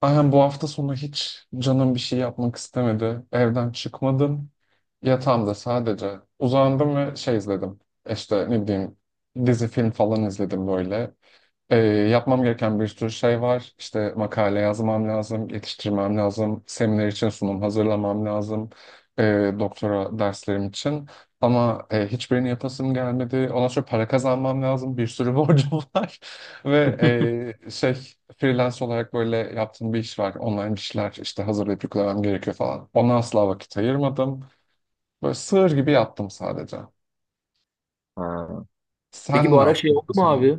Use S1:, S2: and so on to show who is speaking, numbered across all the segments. S1: Aynen bu hafta sonu hiç canım bir şey yapmak istemedi. Evden çıkmadım. Yatağımda sadece uzandım ve şey izledim. İşte ne bileyim dizi film falan izledim böyle. Yapmam gereken bir sürü şey var. İşte makale yazmam lazım, yetiştirmem lazım, seminer için sunum hazırlamam lazım, doktora derslerim için. Ama hiçbirini yapasım gelmedi. Ondan sonra para kazanmam lazım, bir sürü borcum var. Ve şey freelance olarak böyle yaptığım bir iş var. Online bir şeyler işte hazırlayıp yüklemem gerekiyor falan. Ona asla vakit ayırmadım. Böyle sığır gibi yattım sadece.
S2: Ha. Peki
S1: Sen
S2: bu
S1: ne
S2: ara şey
S1: yaptın
S2: oldu
S1: bu
S2: mu
S1: sonu?
S2: abi?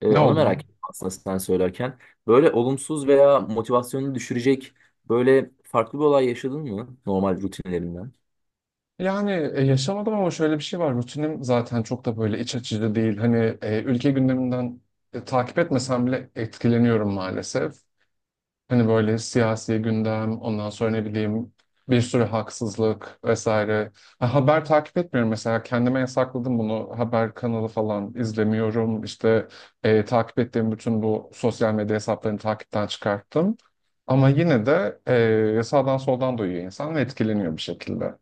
S1: Ne
S2: Onu
S1: oldu
S2: merak
S1: mu?
S2: ettim aslında sen söylerken. Böyle olumsuz veya motivasyonunu düşürecek böyle farklı bir olay yaşadın mı normal rutinlerinden?
S1: Yani yaşamadım ama şöyle bir şey var. Rutinim zaten çok da böyle iç açıcı değil. Hani ülke gündeminden takip etmesem bile etkileniyorum maalesef. Hani böyle siyasi gündem, ondan sonra ne bileyim bir sürü haksızlık vesaire. Ha, haber takip etmiyorum mesela. Kendime yasakladım bunu. Haber kanalı falan izlemiyorum. İşte takip ettiğim bütün bu sosyal medya hesaplarını takipten çıkarttım. Ama yine de sağdan soldan duyuyor insan ve etkileniyor bir şekilde.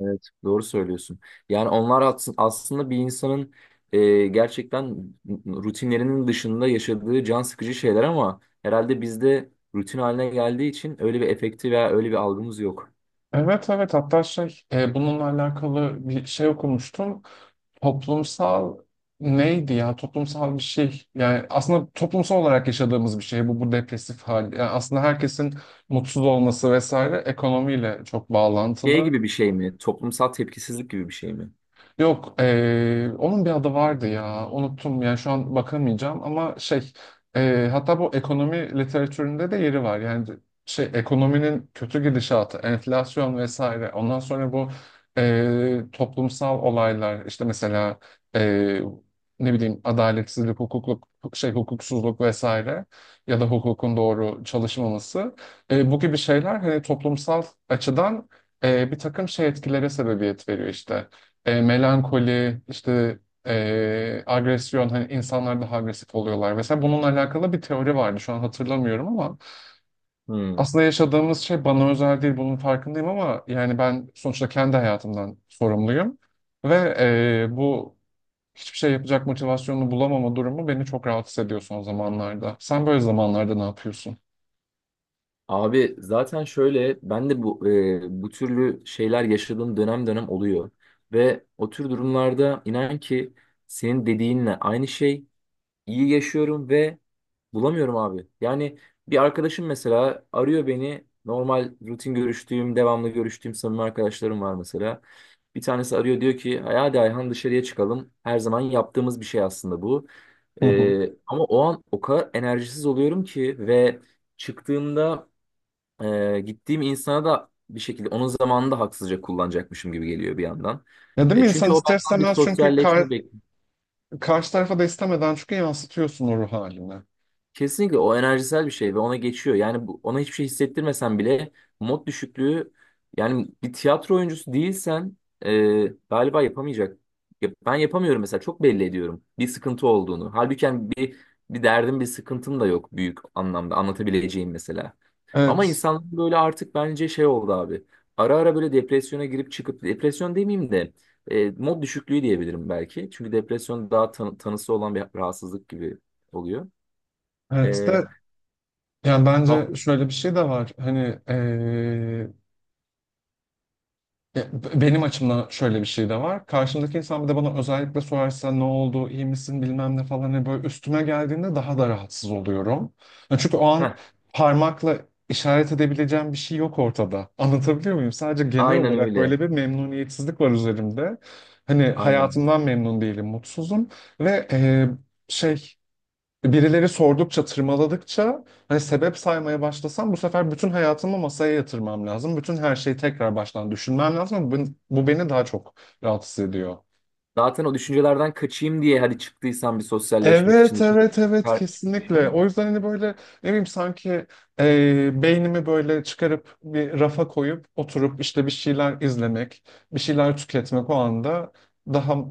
S2: Evet. Doğru söylüyorsun. Yani onlar aslında bir insanın gerçekten rutinlerinin dışında yaşadığı can sıkıcı şeyler ama herhalde bizde rutin haline geldiği için öyle bir efekti veya öyle bir algımız yok.
S1: Evet evet, hatta şey bununla alakalı bir şey okumuştum. Toplumsal neydi ya, toplumsal bir şey, yani aslında toplumsal olarak yaşadığımız bir şey bu depresif hal. Yani aslında herkesin mutsuz olması vesaire ekonomiyle çok
S2: Şey
S1: bağlantılı.
S2: gibi bir şey mi? Toplumsal tepkisizlik gibi bir şey mi?
S1: Yok, onun bir adı vardı ya. Unuttum yani şu an bakamayacağım, ama şey hatta bu ekonomi literatüründe de yeri var. Yani şey ekonominin kötü gidişatı, enflasyon vesaire. Ondan sonra bu toplumsal olaylar işte mesela eee, ne bileyim adaletsizlik, hukukluk, şey hukuksuzluk vesaire ya da hukukun doğru çalışmaması. Bu gibi şeyler hani toplumsal açıdan bir takım şey etkilere sebebiyet veriyor işte melankoli, işte agresyon, hani insanlar daha agresif oluyorlar vesaire. Bununla alakalı bir teori vardı. Şu an hatırlamıyorum ama
S2: Hmm.
S1: aslında yaşadığımız şey bana özel değil. Bunun farkındayım ama yani ben sonuçta kendi hayatımdan sorumluyum. Ve bu hiçbir şey yapacak motivasyonunu bulamama durumu beni çok rahatsız ediyor son zamanlarda. Sen böyle zamanlarda ne yapıyorsun?
S2: Abi zaten şöyle ben de bu türlü şeyler yaşadığım dönem dönem oluyor. Ve o tür durumlarda inan ki senin dediğinle aynı şey iyi yaşıyorum ve bulamıyorum abi. Yani bir arkadaşım mesela arıyor beni normal rutin görüştüğüm devamlı görüştüğüm samimi arkadaşlarım var mesela. Bir tanesi arıyor diyor ki hadi Ayhan dışarıya çıkalım. Her zaman yaptığımız bir şey aslında bu.
S1: Hı hı.
S2: Ama o an o kadar enerjisiz oluyorum ki ve çıktığımda gittiğim insana da bir şekilde onun zamanını da haksızca kullanacakmışım gibi geliyor bir yandan.
S1: Ya değil mi, insan
S2: Çünkü o
S1: ister
S2: benden bir
S1: istemez çünkü
S2: sosyalleşme.
S1: karşı tarafa da istemeden çünkü yansıtıyorsun o ruh halini.
S2: Kesinlikle o enerjisel bir şey ve ona geçiyor. Yani bu, ona hiçbir şey hissettirmesen bile mod düşüklüğü, yani bir tiyatro oyuncusu değilsen galiba yapamayacak. Ya ben yapamıyorum mesela, çok belli ediyorum bir sıkıntı olduğunu. Halbuki yani bir derdim bir sıkıntım da yok büyük anlamda anlatabileceğim mesela. Ama
S1: Evet.
S2: insan böyle artık bence şey oldu abi. Ara ara böyle depresyona girip çıkıp, depresyon demeyeyim de mod düşüklüğü diyebilirim belki. Çünkü depresyon daha tanısı olan bir rahatsızlık gibi oluyor.
S1: Evet de yani bence
S2: Hafif.
S1: şöyle bir şey de var. Hani eee, e, benim açımdan şöyle bir şey de var. Karşımdaki insan bir de bana özellikle sorarsa ne oldu, iyi misin, bilmem ne falan, hani böyle üstüme geldiğinde daha da rahatsız oluyorum. Yani çünkü o an
S2: Heh,
S1: parmakla işaret edebileceğim bir şey yok ortada. Anlatabiliyor muyum? Sadece genel
S2: aynen
S1: olarak
S2: öyle.
S1: böyle bir memnuniyetsizlik var üzerimde. Hani
S2: Aynen.
S1: hayatımdan memnun değilim, mutsuzum ve şey birileri sordukça, tırmaladıkça hani sebep saymaya başlasam bu sefer bütün hayatımı masaya yatırmam lazım. Bütün her şeyi tekrar baştan düşünmem lazım. Bu beni daha çok rahatsız ediyor.
S2: Zaten o düşüncelerden kaçayım diye hadi çıktıysam bir sosyalleşmek
S1: Evet,
S2: için
S1: evet, evet,
S2: dışarı
S1: kesinlikle.
S2: çıkmışım.
S1: O yüzden hani böyle ne bileyim, sanki beynimi böyle çıkarıp bir rafa koyup oturup işte bir şeyler izlemek, bir şeyler tüketmek o anda daha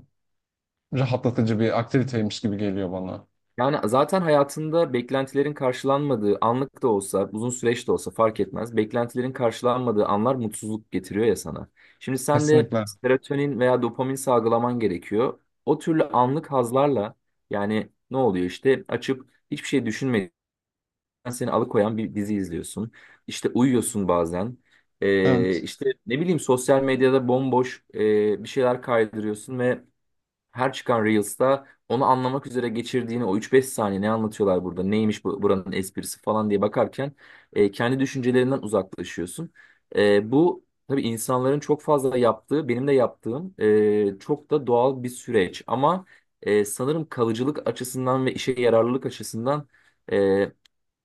S1: rahatlatıcı bir aktiviteymiş gibi geliyor bana.
S2: Yani zaten hayatında beklentilerin karşılanmadığı, anlık da olsa, uzun süreç de olsa fark etmez. Beklentilerin karşılanmadığı anlar mutsuzluk getiriyor ya sana. Şimdi sen de
S1: Kesinlikle.
S2: serotonin veya dopamin salgılaman gerekiyor. O türlü anlık hazlarla, yani ne oluyor işte, açıp hiçbir şey düşünmediğin, seni alıkoyan bir dizi izliyorsun. İşte uyuyorsun bazen.
S1: Evet.
S2: İşte ne bileyim, sosyal medyada bomboş bir şeyler kaydırıyorsun ve her çıkan Reels'ta onu anlamak üzere geçirdiğini o üç beş saniye, ne anlatıyorlar burada, neymiş bu, buranın esprisi falan diye bakarken kendi düşüncelerinden uzaklaşıyorsun. Bu tabii insanların çok fazla yaptığı, benim de yaptığım çok da doğal bir süreç ama sanırım kalıcılık açısından ve işe yararlılık açısından e,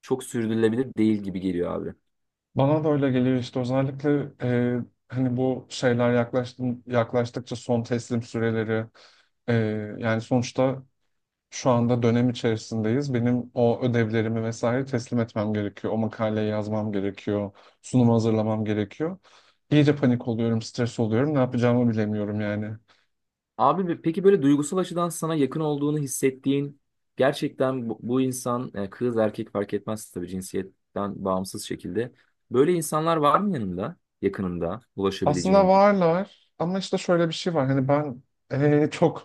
S2: çok sürdürülebilir değil gibi geliyor abi.
S1: Bana da öyle geliyor işte, özellikle e, hani bu şeyler yaklaştıkça son teslim süreleri e, yani sonuçta şu anda dönem içerisindeyiz. Benim o ödevlerimi vesaire teslim etmem gerekiyor. O makaleyi yazmam gerekiyor. Sunumu hazırlamam gerekiyor. İyice panik oluyorum, stres oluyorum. Ne yapacağımı bilemiyorum yani.
S2: Abi peki böyle duygusal açıdan sana yakın olduğunu hissettiğin, gerçekten bu insan, kız erkek fark etmez tabii, cinsiyetten bağımsız şekilde. Böyle insanlar var mı yanında, yakınında
S1: Aslında
S2: ulaşabileceğin?
S1: varlar ama işte şöyle bir şey var. Hani ben çok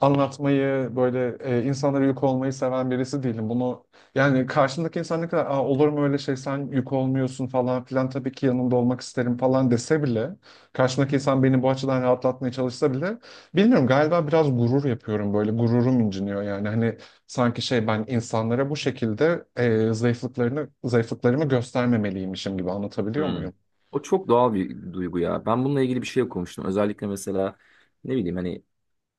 S1: anlatmayı böyle insanlara yük olmayı seven birisi değilim. Bunu yani, karşımdaki insan ne kadar "Aa, olur mu öyle şey, sen yük olmuyorsun falan filan, tabii ki yanında olmak isterim" falan dese bile, karşımdaki insan beni bu açıdan rahatlatmaya çalışsa bile bilmiyorum, galiba biraz gurur yapıyorum, böyle gururum inciniyor yani, hani sanki şey, ben insanlara bu şekilde zayıflıklarımı göstermemeliymişim gibi, anlatabiliyor
S2: Hmm.
S1: muyum?
S2: O çok doğal bir duygu ya. Ben bununla ilgili bir şey okumuştum. Özellikle mesela ne bileyim, hani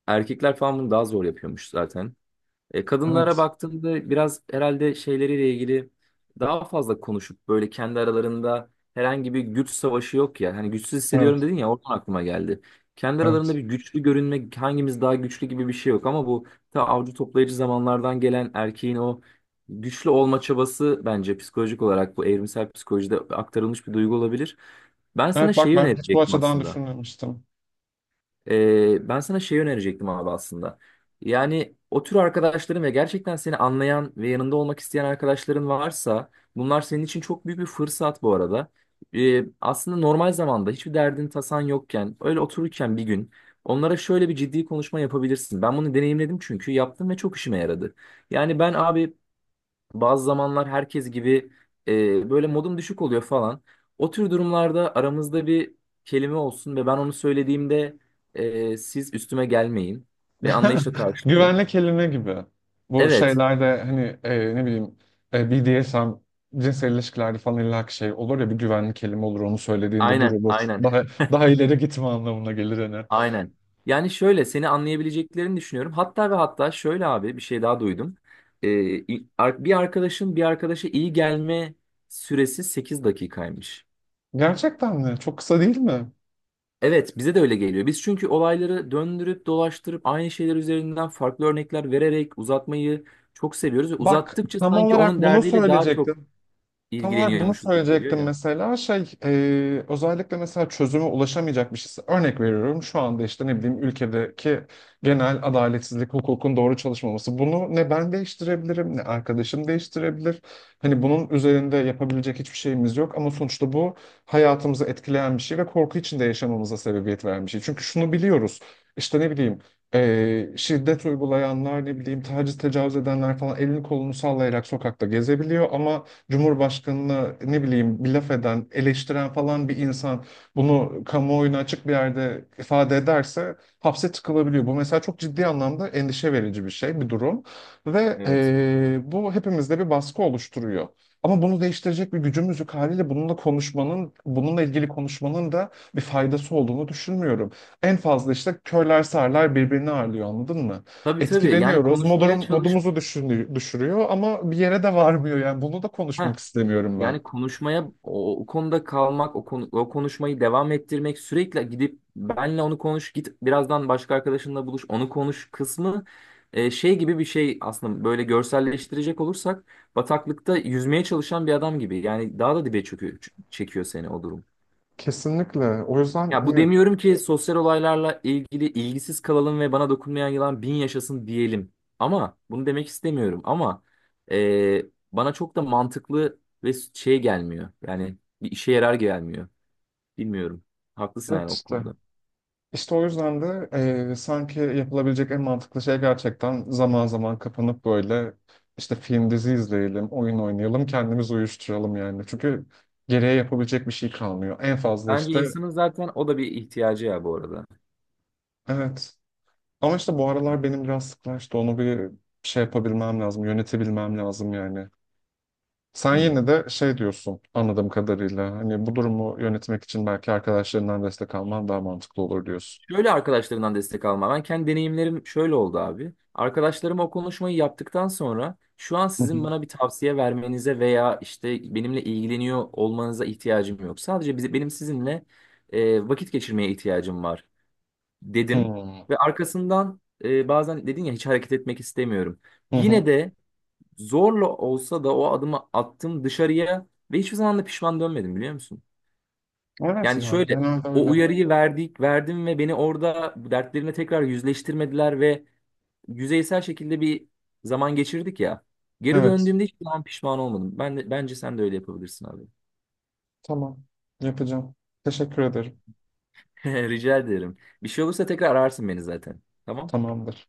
S2: erkekler falan bunu daha zor yapıyormuş zaten. Kadınlara
S1: Evet.
S2: baktığımda biraz herhalde şeyleriyle ilgili daha fazla konuşup böyle kendi aralarında herhangi bir güç savaşı yok ya. Hani güçsüz hissediyorum
S1: Evet.
S2: dedin ya, oradan aklıma geldi. Kendi aralarında
S1: Evet.
S2: bir güçlü görünme, hangimiz daha güçlü gibi bir şey yok, ama bu ta avcı toplayıcı zamanlardan gelen erkeğin o güçlü olma çabası bence psikolojik olarak, bu evrimsel psikolojide aktarılmış bir duygu olabilir. Ben sana
S1: Evet bak,
S2: şeyi
S1: ben hiç bu
S2: önerecektim
S1: açıdan
S2: aslında.
S1: düşünmemiştim.
S2: Ben sana şey önerecektim abi aslında. Yani o tür arkadaşların ve gerçekten seni anlayan ve yanında olmak isteyen arkadaşların varsa, bunlar senin için çok büyük bir fırsat bu arada. Aslında normal zamanda hiçbir derdin tasan yokken öyle otururken bir gün onlara şöyle bir ciddi konuşma yapabilirsin. Ben bunu deneyimledim, çünkü yaptım ve çok işime yaradı. Yani ben abi, bazı zamanlar herkes gibi böyle modum düşük oluyor falan. O tür durumlarda aramızda bir kelime olsun ve ben onu söylediğimde siz üstüme gelmeyin ve anlayışla karşılayın.
S1: Güvenlik kelime gibi. Bu
S2: Evet,
S1: şeylerde hani ne bileyim BDSM cinsel ilişkilerde falan illaki şey olur ya, bir güvenlik kelime olur, onu söylediğinde
S2: aynen,
S1: durulur.
S2: aynen,
S1: Daha Daha ileri gitme anlamına gelir hani.
S2: aynen. Yani şöyle, seni anlayabileceklerini düşünüyorum. Hatta ve hatta şöyle abi, bir şey daha duydum. E, Bir arkadaşın bir arkadaşa iyi gelme süresi 8 dakikaymış.
S1: Gerçekten mi? Çok kısa değil mi?
S2: Evet, bize de öyle geliyor. Biz çünkü olayları döndürüp dolaştırıp aynı şeyler üzerinden farklı örnekler vererek uzatmayı çok seviyoruz ve
S1: Bak
S2: uzattıkça
S1: tam
S2: sanki
S1: olarak
S2: onun
S1: bunu
S2: derdiyle daha çok
S1: söyleyecektim. Tam olarak bunu
S2: ilgileniyormuşuz gibi geliyor
S1: söyleyecektim,
S2: ya.
S1: mesela şey özellikle mesela çözüme ulaşamayacak bir şeyse, örnek veriyorum şu anda, işte ne bileyim, ülkedeki genel adaletsizlik, hukukun doğru çalışmaması, bunu ne ben değiştirebilirim ne arkadaşım değiştirebilir, hani bunun üzerinde yapabilecek hiçbir şeyimiz yok ama sonuçta bu hayatımızı etkileyen bir şey ve korku içinde yaşamamıza sebebiyet veren bir şey, çünkü şunu biliyoruz, işte ne bileyim şiddet uygulayanlar, ne bileyim, taciz tecavüz edenler falan, elini kolunu sallayarak sokakta gezebiliyor ama Cumhurbaşkanına ne bileyim bir laf eden, eleştiren falan bir insan bunu kamuoyuna açık bir yerde ifade ederse hapse tıkılabiliyor. Bu mesela çok ciddi anlamda endişe verici bir şey, bir durum. Ve
S2: Evet.
S1: bu hepimizde bir baskı oluşturuyor. Ama bunu değiştirecek bir gücümüz yok, haliyle bununla konuşmanın, bununla ilgili konuşmanın da bir faydası olduğunu düşünmüyorum. En fazla işte körler sağırlar birbirini ağırlıyor, anladın mı?
S2: Tabii tabii. Yani
S1: Etkileniyoruz.
S2: konuşmaya çalışma.
S1: Modumuzu düşürüyor ama bir yere de varmıyor yani. Bunu da konuşmak istemiyorum ben.
S2: Yani konuşmaya, o konuda kalmak, o konuşmayı devam ettirmek, sürekli gidip benle onu konuş, git birazdan başka arkadaşınla buluş, onu konuş kısmı şey gibi bir şey aslında, böyle görselleştirecek olursak, bataklıkta yüzmeye çalışan bir adam gibi. Yani daha da dibe çöküyor, çekiyor seni o durum.
S1: Kesinlikle. O yüzden
S2: Ya bu
S1: hani
S2: demiyorum ki sosyal olaylarla ilgili ilgisiz kalalım ve bana dokunmayan yılan bin yaşasın diyelim. Ama bunu demek istemiyorum. Ama e, bana çok da mantıklı ve şey gelmiyor. Yani bir işe yarar gelmiyor. Bilmiyorum. Haklısın yani
S1: evet
S2: o
S1: işte.
S2: konuda.
S1: İşte o yüzden de sanki yapılabilecek en mantıklı şey gerçekten zaman zaman kapanıp böyle işte film dizi izleyelim, oyun oynayalım, kendimizi uyuşturalım yani. Çünkü geriye yapabilecek bir şey kalmıyor. En fazla
S2: Bence
S1: işte
S2: insanın zaten o da bir ihtiyacı ya bu arada.
S1: evet. Ama işte bu aralar benim biraz sıklaştı. Onu bir şey yapabilmem lazım, yönetebilmem lazım yani. Sen
S2: Hmm.
S1: yine de şey diyorsun anladığım kadarıyla. Hani bu durumu yönetmek için belki arkadaşlarından destek alman daha mantıklı olur diyorsun.
S2: Şöyle, arkadaşlarından destek alma. Ben kendi deneyimlerim şöyle oldu abi. Arkadaşlarım o konuşmayı yaptıktan sonra, şu an
S1: Hı
S2: sizin
S1: hı.
S2: bana bir tavsiye vermenize veya işte benimle ilgileniyor olmanıza ihtiyacım yok. Sadece benim sizinle vakit geçirmeye ihtiyacım var dedim.
S1: Hmm.
S2: Ve arkasından bazen dedin ya, hiç hareket etmek istemiyorum.
S1: Hı hı.
S2: Yine de zorla olsa da o adımı attım dışarıya ve hiçbir zaman da pişman dönmedim, biliyor musun?
S1: Evet
S2: Yani
S1: ya,
S2: şöyle,
S1: genelde öyle.
S2: verdim ve beni orada dertlerine tekrar yüzleştirmediler ve yüzeysel şekilde bir zaman geçirdik ya. Geri
S1: Evet.
S2: döndüğümde hiçbir zaman pişman olmadım. Bence sen de öyle yapabilirsin abi.
S1: Tamam. Yapacağım. Teşekkür ederim.
S2: Rica ederim. Bir şey olursa tekrar ararsın beni zaten. Tamam?
S1: Tamamdır.